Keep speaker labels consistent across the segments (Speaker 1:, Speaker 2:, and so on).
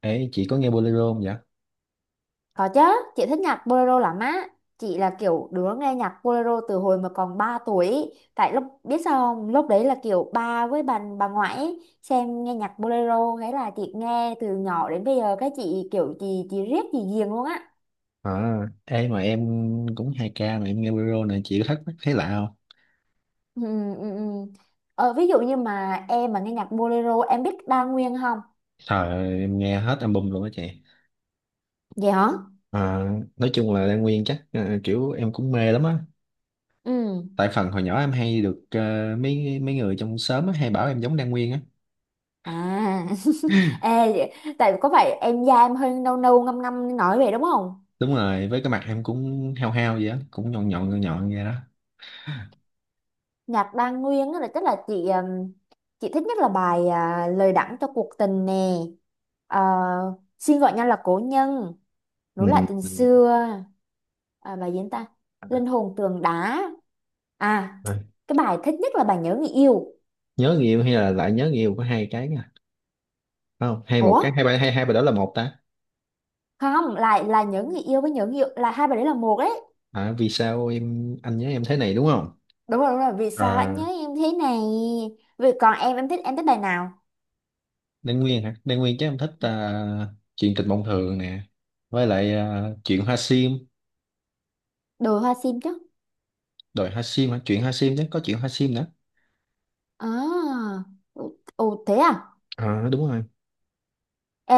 Speaker 1: Ê, chị có nghe bolero không vậy?
Speaker 2: Có chứ, chị thích nhạc bolero lắm á. Chị là kiểu đứa nghe nhạc bolero từ hồi mà còn 3 tuổi ý. Tại lúc biết sao không, lúc đấy là kiểu ba với bà ngoại ý, xem nghe nhạc bolero, thế là chị nghe từ nhỏ đến bây giờ, cái chị kiểu chị riết chị ghiền luôn á.
Speaker 1: À, ê mà em cũng 2 ca mà em nghe bolero này chị có thắc mắc thấy lạ không?
Speaker 2: Ừ, ừ. Ờ, ví dụ như mà em mà nghe nhạc bolero, em biết Đa Nguyên không?
Speaker 1: Trời ơi, em nghe hết album luôn á chị.
Speaker 2: Vậy hả?
Speaker 1: À, nói chung là Lan Nguyên chắc kiểu em cũng mê lắm á.
Speaker 2: Ừ.
Speaker 1: Tại phần hồi nhỏ em hay được mấy mấy người trong xóm á, hay bảo em giống Lan Nguyên á.
Speaker 2: À. Ê, tại có phải em da em hơi nâu nâu ngăm ngăm nói vậy đúng không?
Speaker 1: Đúng rồi, với cái mặt em cũng hao hao vậy á, cũng nhọn nhọn vậy đó.
Speaker 2: Nhạc Đan Nguyên á là chắc là chị thích nhất là bài lời đắng cho cuộc tình nè. Ờ, xin gọi nhau là cố nhân,
Speaker 1: Ừ,
Speaker 2: nối lại tình
Speaker 1: ừ.
Speaker 2: xưa, à, bài gì nữa ta, linh hồn tường đá, à,
Speaker 1: À,
Speaker 2: cái bài thích nhất là bài nhớ người yêu.
Speaker 1: nhớ người yêu hay là lại nhớ người yêu có hai cái nha. Phải không, hay một
Speaker 2: Ủa,
Speaker 1: cái hai ba hai hai bài đó là một ta.
Speaker 2: không, lại là nhớ người yêu với nhớ người yêu là hai bài, đấy là một đấy.
Speaker 1: À, vì sao em anh nhớ em thế này đúng không?
Speaker 2: Đúng rồi, vì sao anh
Speaker 1: À,
Speaker 2: nhớ em thế này. Vì còn em thích bài nào?
Speaker 1: Đan Nguyên hả? Đan Nguyên chứ em thích chuyện tình mộng thường nè, với lại chuyện hoa sim,
Speaker 2: Đồi hoa sim chứ.
Speaker 1: đòi hoa sim hả? Chuyện hoa sim chứ có chuyện hoa sim nữa.
Speaker 2: À, ồ, ồ, thế à.
Speaker 1: À, đúng rồi,
Speaker 2: Ê,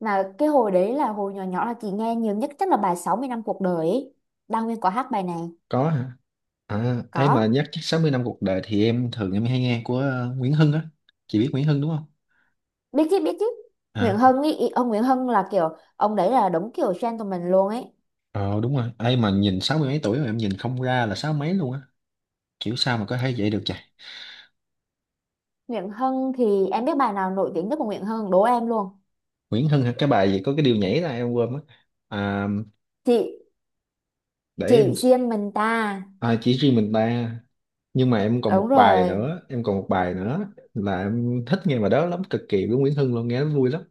Speaker 2: mà cái hồi đấy là hồi nhỏ nhỏ là chị nghe nhiều nhất chắc là bài 60 năm cuộc đời ấy. Đăng Nguyên có hát bài này.
Speaker 1: có hả? À, ấy mà
Speaker 2: Có.
Speaker 1: nhắc chắc 60 năm cuộc đời thì em thường em hay nghe của Nguyễn Hưng á, chị biết Nguyễn Hưng đúng không?
Speaker 2: Biết chứ, biết chứ. Nguyễn
Speaker 1: À,
Speaker 2: Hân ý, ông Nguyễn Hân là kiểu ông đấy là đúng kiểu gentleman luôn ấy.
Speaker 1: ờ đúng rồi, ấy mà nhìn sáu mươi mấy tuổi rồi em nhìn không ra là sáu mấy luôn á, kiểu sao mà có thể vậy được trời.
Speaker 2: Nguyễn Hân thì em biết bài nào nổi tiếng nhất của Nguyễn Hân, đố em luôn.
Speaker 1: Nguyễn Hưng hả? Cái bài gì có cái điều nhảy ra em quên mất. À,
Speaker 2: Chị
Speaker 1: để
Speaker 2: chị
Speaker 1: em
Speaker 2: riêng mình ta.
Speaker 1: à, chỉ riêng mình ta, nhưng mà em còn
Speaker 2: Đúng
Speaker 1: một bài
Speaker 2: rồi.
Speaker 1: nữa, là em thích nghe bài đó lắm cực kỳ với Nguyễn Hưng, luôn nghe nó vui lắm.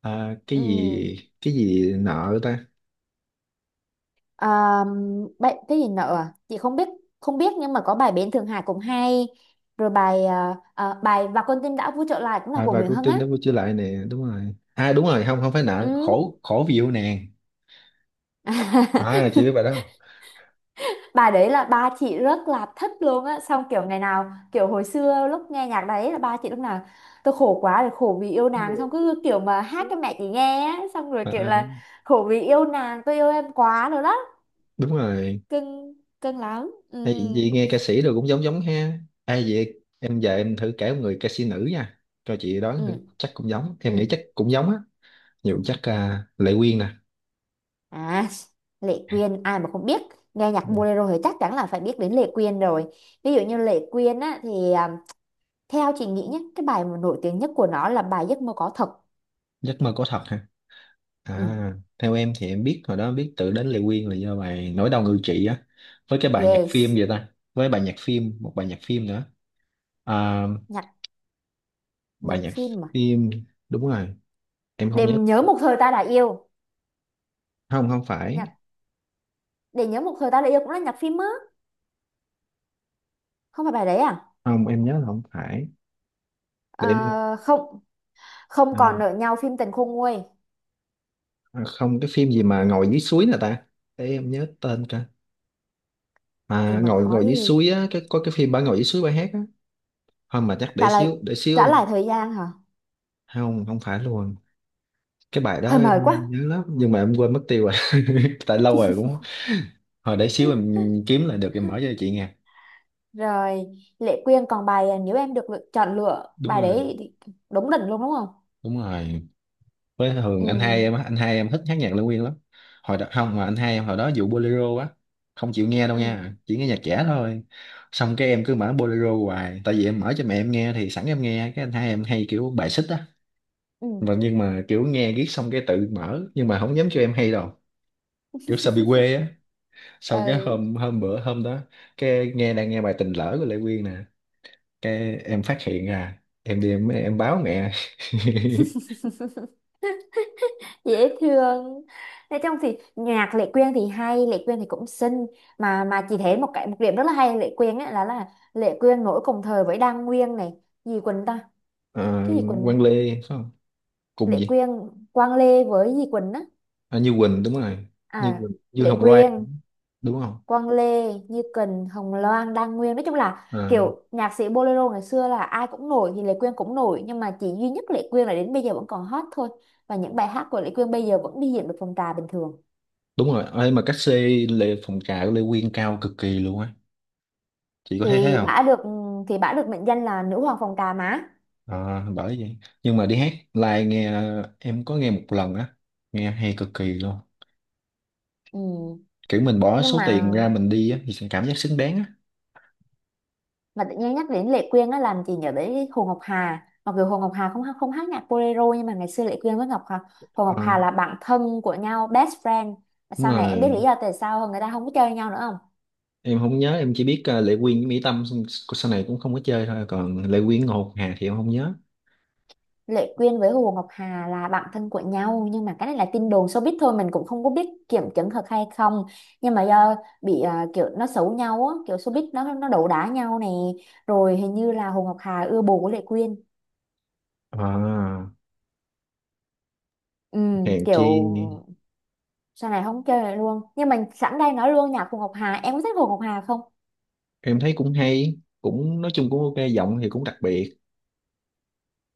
Speaker 1: À,
Speaker 2: Ừ.
Speaker 1: cái gì nợ ta.
Speaker 2: À, bài, cái gì nữa à? Chị không biết, không biết, nhưng mà có bài Bến Thượng Hải cũng hay. Rồi bài bài Và con tim đã vui trở lại cũng là
Speaker 1: À,
Speaker 2: của
Speaker 1: và
Speaker 2: Nguyễn
Speaker 1: cô
Speaker 2: Hân
Speaker 1: tim
Speaker 2: á.
Speaker 1: đã vui trở lại nè đúng rồi, à đúng rồi không không phải
Speaker 2: Ừ.
Speaker 1: nợ, khổ khổ vì yêu nàng. À chị biết bài đó không?
Speaker 2: Bà đấy là ba chị rất là thích luôn á, xong kiểu ngày nào kiểu hồi xưa lúc nghe nhạc đấy là ba chị lúc nào tôi khổ quá rồi khổ vì yêu nàng, xong cứ kiểu mà hát cho mẹ chị nghe á, xong rồi
Speaker 1: à,
Speaker 2: kiểu
Speaker 1: à,
Speaker 2: là khổ vì yêu nàng tôi yêu em quá rồi đó
Speaker 1: đúng rồi.
Speaker 2: cưng, cưng lắm. Ừ,
Speaker 1: Ê, vậy nghe ca sĩ rồi cũng giống giống ha, ai vậy em? Giờ em thử kể một người ca sĩ nữ nha, cho chị đoán
Speaker 2: ừ,
Speaker 1: thử chắc cũng giống, em
Speaker 2: ừ.
Speaker 1: nghĩ chắc cũng giống á nhiều, chắc Lệ Quyên nè.
Speaker 2: À, Lệ Quyên ai mà không biết, nghe nhạc bolero thì chắc chắn là phải biết đến Lệ Quyên rồi. Ví dụ như Lệ Quyên á thì theo chị nghĩ nhé, cái bài mà nổi tiếng nhất của nó là bài Giấc mơ có thật.
Speaker 1: Giấc mơ có thật hả?
Speaker 2: Ừ.
Speaker 1: À theo em thì em biết hồi đó, biết tự đến Lệ Quyên là do bài Nỗi đau ngự trị á, với cái bài nhạc phim
Speaker 2: Yes,
Speaker 1: vậy ta, với bài nhạc phim, một bài nhạc phim nữa. à,
Speaker 2: nhạc
Speaker 1: bài
Speaker 2: nhạc
Speaker 1: nhạc
Speaker 2: phim mà.
Speaker 1: phim, đúng rồi, em không
Speaker 2: Để
Speaker 1: nhớ.
Speaker 2: nhớ một thời ta đã yêu.
Speaker 1: Không không phải,
Speaker 2: Nhạc để nhớ một thời ta đã yêu cũng là nhạc phim á. Không phải bài đấy à?
Speaker 1: không em nhớ là không phải,
Speaker 2: Ờ,
Speaker 1: để em.
Speaker 2: không, không
Speaker 1: à,
Speaker 2: còn nợ nhau phim tình khôn nguôi,
Speaker 1: không cái phim gì mà ngồi dưới suối nè ta, để em nhớ tên cả.
Speaker 2: thì
Speaker 1: À
Speaker 2: mà
Speaker 1: ngồi ngồi dưới
Speaker 2: khói,
Speaker 1: suối á, cái có cái phim bà ngồi dưới suối bà hát á. Không mà chắc để
Speaker 2: trả lại,
Speaker 1: xíu để xíu
Speaker 2: trả lại
Speaker 1: em.
Speaker 2: thời gian hả?
Speaker 1: Không không phải luôn, cái bài đó
Speaker 2: Hơi mời quá.
Speaker 1: em nhớ lắm nhưng mà em quên mất tiêu rồi. Tại lâu rồi cũng, hồi để xíu em kiếm lại được em mở cho chị nghe.
Speaker 2: Rồi, Lệ Quyên còn bài nếu em được lựa, chọn lựa
Speaker 1: Đúng
Speaker 2: bài
Speaker 1: rồi,
Speaker 2: đấy thì đúng đỉnh luôn đúng không?
Speaker 1: đúng rồi, với
Speaker 2: Ừ,
Speaker 1: thường anh hai em á, anh hai em thích hát nhạc Lê Nguyên lắm. Hồi đó không mà anh hai em hồi đó vụ bolero á, không chịu nghe đâu
Speaker 2: ừ,
Speaker 1: nha, chỉ nghe nhạc trẻ thôi, xong cái em cứ mở bolero hoài, tại vì em mở cho mẹ em nghe thì sẵn em nghe, cái anh hai em hay kiểu bài xích á.
Speaker 2: ừ.
Speaker 1: Mà nhưng mà kiểu nghe riết xong cái tự mở nhưng mà không dám cho em hay đâu, kiểu sợ bị quê á. Sau cái
Speaker 2: Ừ.
Speaker 1: hôm hôm bữa hôm đó, cái nghe đang nghe bài tình lỡ của Lệ Quyên nè, cái em phát hiện ra em đi em báo mẹ.
Speaker 2: Dễ thương. Nói chung thì nhạc Lệ Quyên thì hay, Lệ Quyên thì cũng xinh, mà chị thấy một cái, một điểm rất là hay ở Lệ Quyên ấy là Lệ Quyên nổi cùng thời với Đan Nguyên này, gì Quỳnh ta,
Speaker 1: Ờ,
Speaker 2: cái gì Quỳnh.
Speaker 1: Quang Lê phải không, cùng
Speaker 2: Lệ
Speaker 1: gì.
Speaker 2: Quyên, Quang Lê với gì Quỳnh á.
Speaker 1: À, Như Quỳnh đúng rồi, Như
Speaker 2: À.
Speaker 1: Quỳnh Như
Speaker 2: Lệ
Speaker 1: Hồng Loan
Speaker 2: Quyên,
Speaker 1: đúng không?
Speaker 2: Quang Lê, Như Quỳnh, Hồng Loan, Đan Nguyên, nói chung là
Speaker 1: Ờ,
Speaker 2: kiểu nhạc sĩ bolero ngày xưa là ai cũng nổi, thì Lệ Quyên cũng nổi, nhưng mà chỉ duy nhất Lệ Quyên là đến bây giờ vẫn còn hot thôi, và những bài hát của Lệ Quyên bây giờ vẫn đi diễn được phòng trà bình thường.
Speaker 1: đúng rồi ơi, mà cách xê Lê phòng trà của Lê Quyên cao cực kỳ luôn á, chị có thấy thế
Speaker 2: Thì
Speaker 1: không?
Speaker 2: bả được, thì bả được mệnh danh là nữ hoàng phòng trà má.
Speaker 1: Ờ, bởi vậy, nhưng mà đi hát live nghe, em có nghe một lần á, nghe hay cực kỳ luôn,
Speaker 2: Ừ.
Speaker 1: kiểu mình bỏ
Speaker 2: Nhưng
Speaker 1: số tiền
Speaker 2: mà,
Speaker 1: ra mình đi á thì sẽ cảm giác xứng đáng á.
Speaker 2: tự nhiên nhắc đến Lệ Quyên á làm chị nhớ đến Hồ Ngọc Hà, mặc dù Hồ Ngọc Hà không hát nhạc bolero, nhưng mà ngày xưa Lệ Quyên với Ngọc Hà, Hồ
Speaker 1: Ờ,
Speaker 2: Ngọc Hà là bạn thân của nhau, best friend.
Speaker 1: đúng
Speaker 2: Sau này em biết lý
Speaker 1: rồi,
Speaker 2: do tại sao người ta không có chơi nhau nữa không?
Speaker 1: em không nhớ, em chỉ biết Lệ Quyên với Mỹ Tâm xong, sau này cũng không có chơi thôi, còn Lệ Quyên Ngọc Hà thì em không nhớ.
Speaker 2: Lệ Quyên với Hồ Ngọc Hà là bạn thân của nhau, nhưng mà cái này là tin đồn showbiz thôi, mình cũng không có biết kiểm chứng thật hay không, nhưng mà do bị kiểu nó xấu nhau á, kiểu showbiz nó đấu đá nhau này, rồi hình như là Hồ Ngọc Hà ưa bồ của Lệ Quyên.
Speaker 1: À,
Speaker 2: Ừ,
Speaker 1: Hèn Chi,
Speaker 2: kiểu sau này không chơi lại luôn. Nhưng mà sẵn đây nói luôn, nhạc Hồ Ngọc Hà, em có thích Hồ Ngọc Hà không?
Speaker 1: em thấy cũng hay cũng, nói chung cũng ok, giọng thì cũng đặc biệt.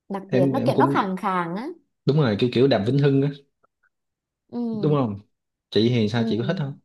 Speaker 2: Đặc biệt
Speaker 1: em
Speaker 2: nó
Speaker 1: em
Speaker 2: kiểu nó
Speaker 1: cũng
Speaker 2: khàn khàn á.
Speaker 1: đúng rồi, kiểu kiểu Đàm Vĩnh Hưng á, đúng
Speaker 2: Ừ,
Speaker 1: không? Chị thì sao
Speaker 2: ừ.
Speaker 1: chị có thích không?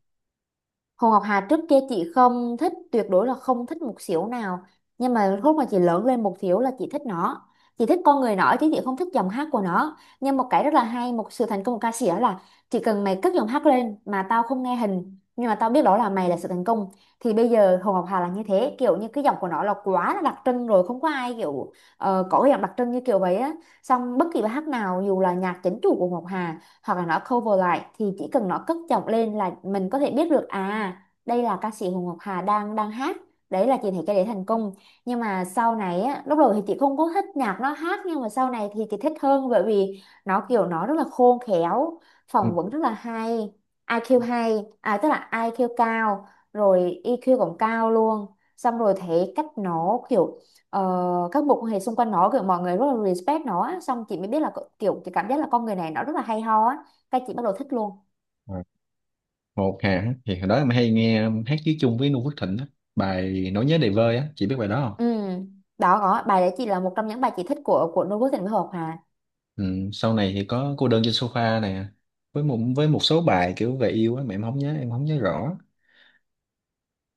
Speaker 2: Hồ Ngọc Hà trước kia chị không thích, tuyệt đối là không thích một xíu nào, nhưng mà lúc mà chị lớn lên một xíu là chị thích nó. Chị thích con người nó chứ chị không thích giọng hát của nó, nhưng một cái rất là hay, một sự thành công của ca sĩ đó là chỉ cần mày cất giọng hát lên mà tao không nghe hình nhưng mà tao biết đó là mày, là sự thành công. Thì bây giờ Hồ Ngọc Hà là như thế, kiểu như cái giọng của nó là quá là đặc trưng rồi, không có ai kiểu, ờ, có cái giọng đặc trưng như kiểu vậy á, xong bất kỳ bài hát nào dù là nhạc chính chủ của Ngọc Hà hoặc là nó cover lại, thì chỉ cần nó cất giọng lên là mình có thể biết được à đây là ca sĩ Hồ Ngọc Hà đang đang hát, đấy là chị thấy cái đấy thành công. Nhưng mà sau này á, lúc đầu thì chị không có thích nhạc nó hát, nhưng mà sau này thì chị thích hơn, bởi vì nó kiểu nó rất là khôn khéo, phỏng vấn
Speaker 1: Ừ.
Speaker 2: rất là hay. IQ hay, à tức là IQ cao, rồi EQ cũng cao luôn. Xong rồi thấy cách nó kiểu, ờ, các mối quan hệ xung quanh nó kiểu mọi người rất là respect nó á. Xong chị mới biết là kiểu chị cảm giác là con người này nó rất là hay ho á, cái chị bắt đầu thích luôn.
Speaker 1: À, Ngọc Hà á, thì hồi đó em hay nghe hát với chung với Noo Phước Thịnh á, bài Nỗi nhớ đầy vơi á chị biết bài đó không?
Speaker 2: Ừ. Đó, có bài đấy chị là một trong những bài chị thích của Noo Phước Thịnh với Hồ Hòa.
Speaker 1: Ừ. Sau này thì có cô đơn trên sofa nè, với một với số bài kiểu về yêu á mà em không nhớ, rõ.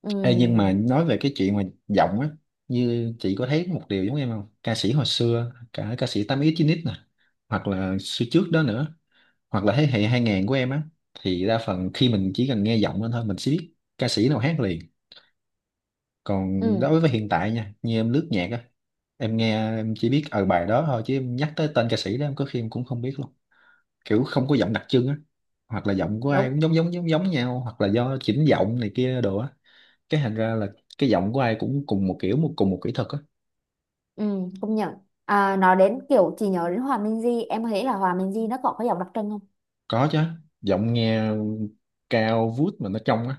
Speaker 2: Ừ.
Speaker 1: Ê, nhưng mà nói về cái chuyện mà giọng á, như chị có thấy một điều giống em không, ca sĩ hồi xưa cả ca sĩ 8X Chín x nè, hoặc là xưa trước đó nữa, hoặc là thế hệ 2000 của em á, thì đa phần khi mình chỉ cần nghe giọng lên thôi mình sẽ biết ca sĩ nào hát liền. Còn
Speaker 2: Ừ.
Speaker 1: đối với hiện tại nha, như em lướt nhạc á, em nghe em chỉ biết ở bài đó thôi, chứ em nhắc tới tên ca sĩ đó em có khi em cũng không biết luôn, kiểu không có giọng đặc trưng á, hoặc là giọng của ai cũng
Speaker 2: Đúng.
Speaker 1: giống giống nhau, hoặc là do chỉnh giọng này kia đồ á, cái thành ra là cái giọng của ai cũng cùng một kiểu, một cùng một kỹ thuật á.
Speaker 2: Ừ. Công nhận. À, nói đến kiểu chị nhớ đến Hòa Minzy, em thấy là Hòa Minzy nó còn có giọng đặc trưng không?
Speaker 1: Có chứ, giọng nghe cao vút mà nó trong á.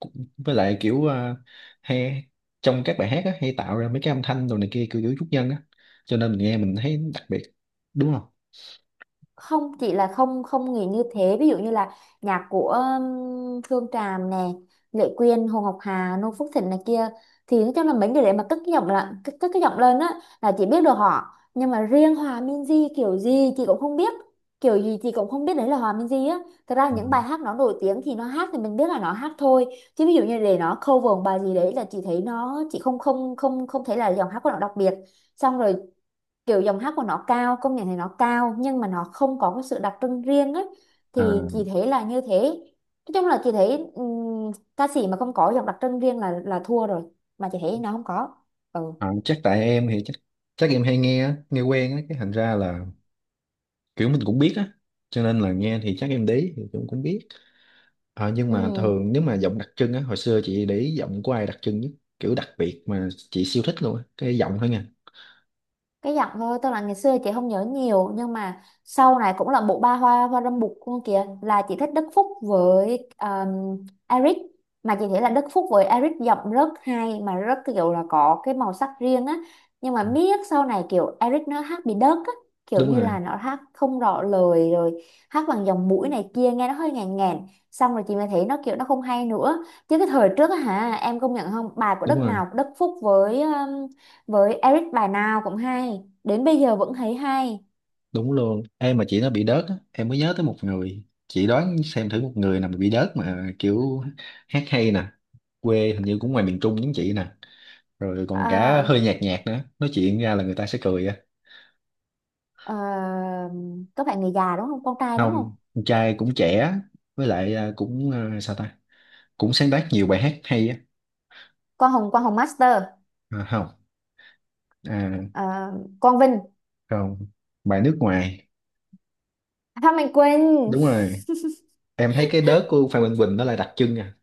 Speaker 1: Cũng, với lại kiểu hay trong các bài hát á, hay tạo ra mấy cái âm thanh đồ này kia kiểu kiểu chút nhân á, cho nên mình nghe mình thấy đặc biệt, đúng không?
Speaker 2: Không, chỉ là không, không nghĩ như thế. Ví dụ như là nhạc của Phương Tràm nè, Lệ Quyên, Hồ Ngọc Hà, Noo Phước Thịnh này kia, thì nói chung là mấy người để mà cất cái giọng là cất cái giọng lên á là chị biết được họ. Nhưng mà riêng Hòa Minzy kiểu gì chị cũng không biết, kiểu gì chị cũng không biết đấy là Hòa Minzy á. Thật ra những bài
Speaker 1: Dạ.
Speaker 2: hát nó nổi tiếng thì nó hát thì mình biết là nó hát thôi, chứ ví dụ như để nó cover một bài gì đấy là chị thấy nó, chị không không không không thấy là giọng hát của nó đặc biệt. Xong rồi kiểu giọng hát của nó cao, công nhận thì nó cao, nhưng mà nó không có cái sự đặc trưng riêng ấy, thì
Speaker 1: à,
Speaker 2: chị thấy là như thế. Nói chung là chị thấy ca sĩ mà không có giọng đặc trưng riêng là thua rồi, mà chị thấy nó không có. Ừ.
Speaker 1: chắc tại em thì chắc, chắc em hay nghe á, nghe quen á, cái thành ra là kiểu mình cũng biết á, cho nên là nghe thì chắc em đấy thì cũng cũng biết. Ờ, nhưng
Speaker 2: Ừ.
Speaker 1: mà thường nếu mà giọng đặc trưng á, hồi xưa chị để ý giọng của ai đặc trưng nhất, kiểu đặc biệt mà chị siêu thích luôn á, cái giọng thôi nha.
Speaker 2: Cái giọng thôi, tức là ngày xưa chị không nhớ nhiều, nhưng mà sau này cũng là bộ ba hoa hoa râm bụt luôn kìa, là chị thích Đức Phúc với Eric. Mà chị thấy là Đức Phúc với Eric giọng rất hay, mà rất kiểu là có cái màu sắc riêng á. Nhưng mà
Speaker 1: Ừ.
Speaker 2: miết sau này kiểu Eric nó hát bị đớt á, kiểu
Speaker 1: Đúng
Speaker 2: như
Speaker 1: rồi,
Speaker 2: là nó hát không rõ lời rồi, hát bằng dòng mũi này kia nghe nó hơi ngàn ngàn, xong rồi chị mới thấy nó kiểu nó không hay nữa, chứ cái thời trước á hả, em công nhận không, bài của
Speaker 1: đúng rồi,
Speaker 2: Đức Phúc với Eric bài nào cũng hay, đến bây giờ vẫn thấy hay.
Speaker 1: đúng luôn. Em mà chị nó bị đớt á, em mới nhớ tới một người. Chị đoán xem thử một người nào mà bị đớt mà kiểu hát hay nè, quê hình như cũng ngoài miền Trung giống chị nè. Rồi còn cả
Speaker 2: à,
Speaker 1: hơi nhạt nhạt nữa, nói chuyện ra là người ta sẽ cười á.
Speaker 2: à, các bạn người già đúng không, con trai đúng không?
Speaker 1: Không, con trai cũng trẻ, với lại cũng cũng sáng tác nhiều bài hát hay á.
Speaker 2: Con Hồng, con Hồng Master,
Speaker 1: À, không. à,
Speaker 2: à, con Vinh.
Speaker 1: không, bài nước ngoài.
Speaker 2: À, Phan Mạnh Quỳnh.
Speaker 1: Đúng rồi, em thấy cái đớt của Phan Minh Quỳnh nó là đặc trưng à.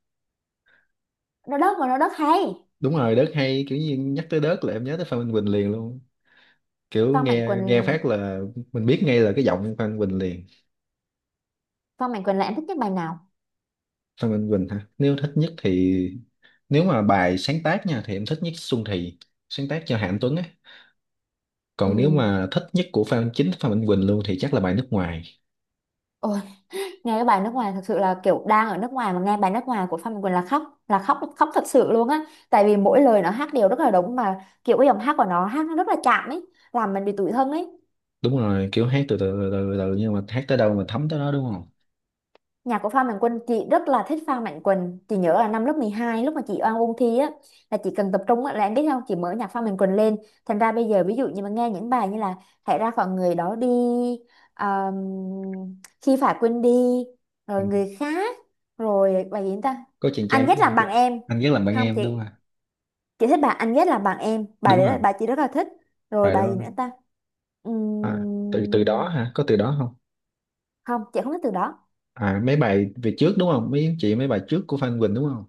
Speaker 2: Nó đất mà nó đất hay.
Speaker 1: Đúng rồi, đớt hay kiểu như nhắc tới đớt là em nhớ tới Phan Minh Quỳnh liền luôn, kiểu
Speaker 2: Phan Mạnh
Speaker 1: nghe nghe phát
Speaker 2: Quỳnh.
Speaker 1: là mình biết ngay là cái giọng Phan Minh Quỳnh liền.
Speaker 2: Phan Mạnh Quỳnh là em thích nhất bài nào?
Speaker 1: Phan Minh Quỳnh hả? Nếu thích nhất thì, nếu mà bài sáng tác nha thì em thích nhất Xuân Thì, sáng tác cho Hà Anh Tuấn á.
Speaker 2: Ừ.
Speaker 1: Còn nếu mà thích nhất của Phan chính Phan Minh Quỳnh luôn thì chắc là bài nước ngoài.
Speaker 2: Ôi, nghe cái bài nước ngoài thật sự là kiểu đang ở nước ngoài mà nghe bài nước ngoài của Phan Mạnh Quỳnh là khóc, là khóc, khóc thật sự luôn á, tại vì mỗi lời nó hát đều rất là đúng, mà kiểu cái giọng hát của nó hát nó rất là chạm ấy, làm mình bị tủi thân ấy.
Speaker 1: Đúng rồi, kiểu hát từ từ từ từ, từ nhưng mà hát tới đâu mà thấm tới đó đúng không?
Speaker 2: Nhà của Phan Mạnh Quỳnh, chị rất là thích Phan Mạnh Quỳnh. Chị nhớ là năm lớp 12 lúc mà chị oan ôn thi á, là chị cần tập trung á, là em biết không, chị mở nhạc Phan Mạnh Quỳnh lên. Thành ra bây giờ ví dụ như mà nghe những bài như là hãy ra khỏi người đó đi, um, khi phải quên đi,
Speaker 1: Ừ.
Speaker 2: rồi người khác, rồi bài gì ta,
Speaker 1: Có chàng trai,
Speaker 2: anh
Speaker 1: biết
Speaker 2: ghét
Speaker 1: không, chàng
Speaker 2: làm bằng
Speaker 1: trai
Speaker 2: em.
Speaker 1: anh rất làm bạn
Speaker 2: Không
Speaker 1: em đúng không?
Speaker 2: chị thích bài anh ghét làm bằng em, bài
Speaker 1: Đúng
Speaker 2: đấy là
Speaker 1: rồi,
Speaker 2: bài chị rất là thích. Rồi
Speaker 1: bài
Speaker 2: bài
Speaker 1: đó.
Speaker 2: gì nữa ta?
Speaker 1: À,
Speaker 2: Ừm,
Speaker 1: từ từ đó hả, có từ đó không?
Speaker 2: không chị không thích từ đó.
Speaker 1: À mấy bài về trước đúng không, mấy chị mấy bài trước của Phan Quỳnh đúng không?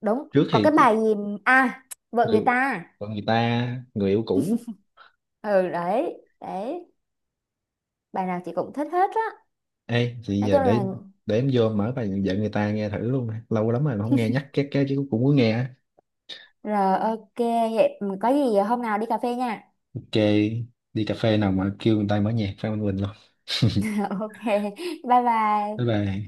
Speaker 2: Đúng,
Speaker 1: Trước
Speaker 2: có
Speaker 1: thì
Speaker 2: cái bài gì, à, vợ người
Speaker 1: người,
Speaker 2: ta.
Speaker 1: còn người ta, người yêu cũ.
Speaker 2: Ừ, đấy đấy, bài nào chị cũng thích hết á.
Speaker 1: Ê thì
Speaker 2: Nói
Speaker 1: giờ
Speaker 2: chung là,
Speaker 1: để em vô mở bài vợ người ta nghe thử luôn, lâu lắm rồi mà không nghe nhắc cái chứ cũng muốn nghe á.
Speaker 2: rồi ok, vậy ừ, có gì ờ, hôm nào đi cà phê nha.
Speaker 1: Ok, đi cà phê nào mà kêu người ta mở nhạc Phan Quỳnh luôn.
Speaker 2: Ok, bye
Speaker 1: Bye
Speaker 2: bye.
Speaker 1: bye.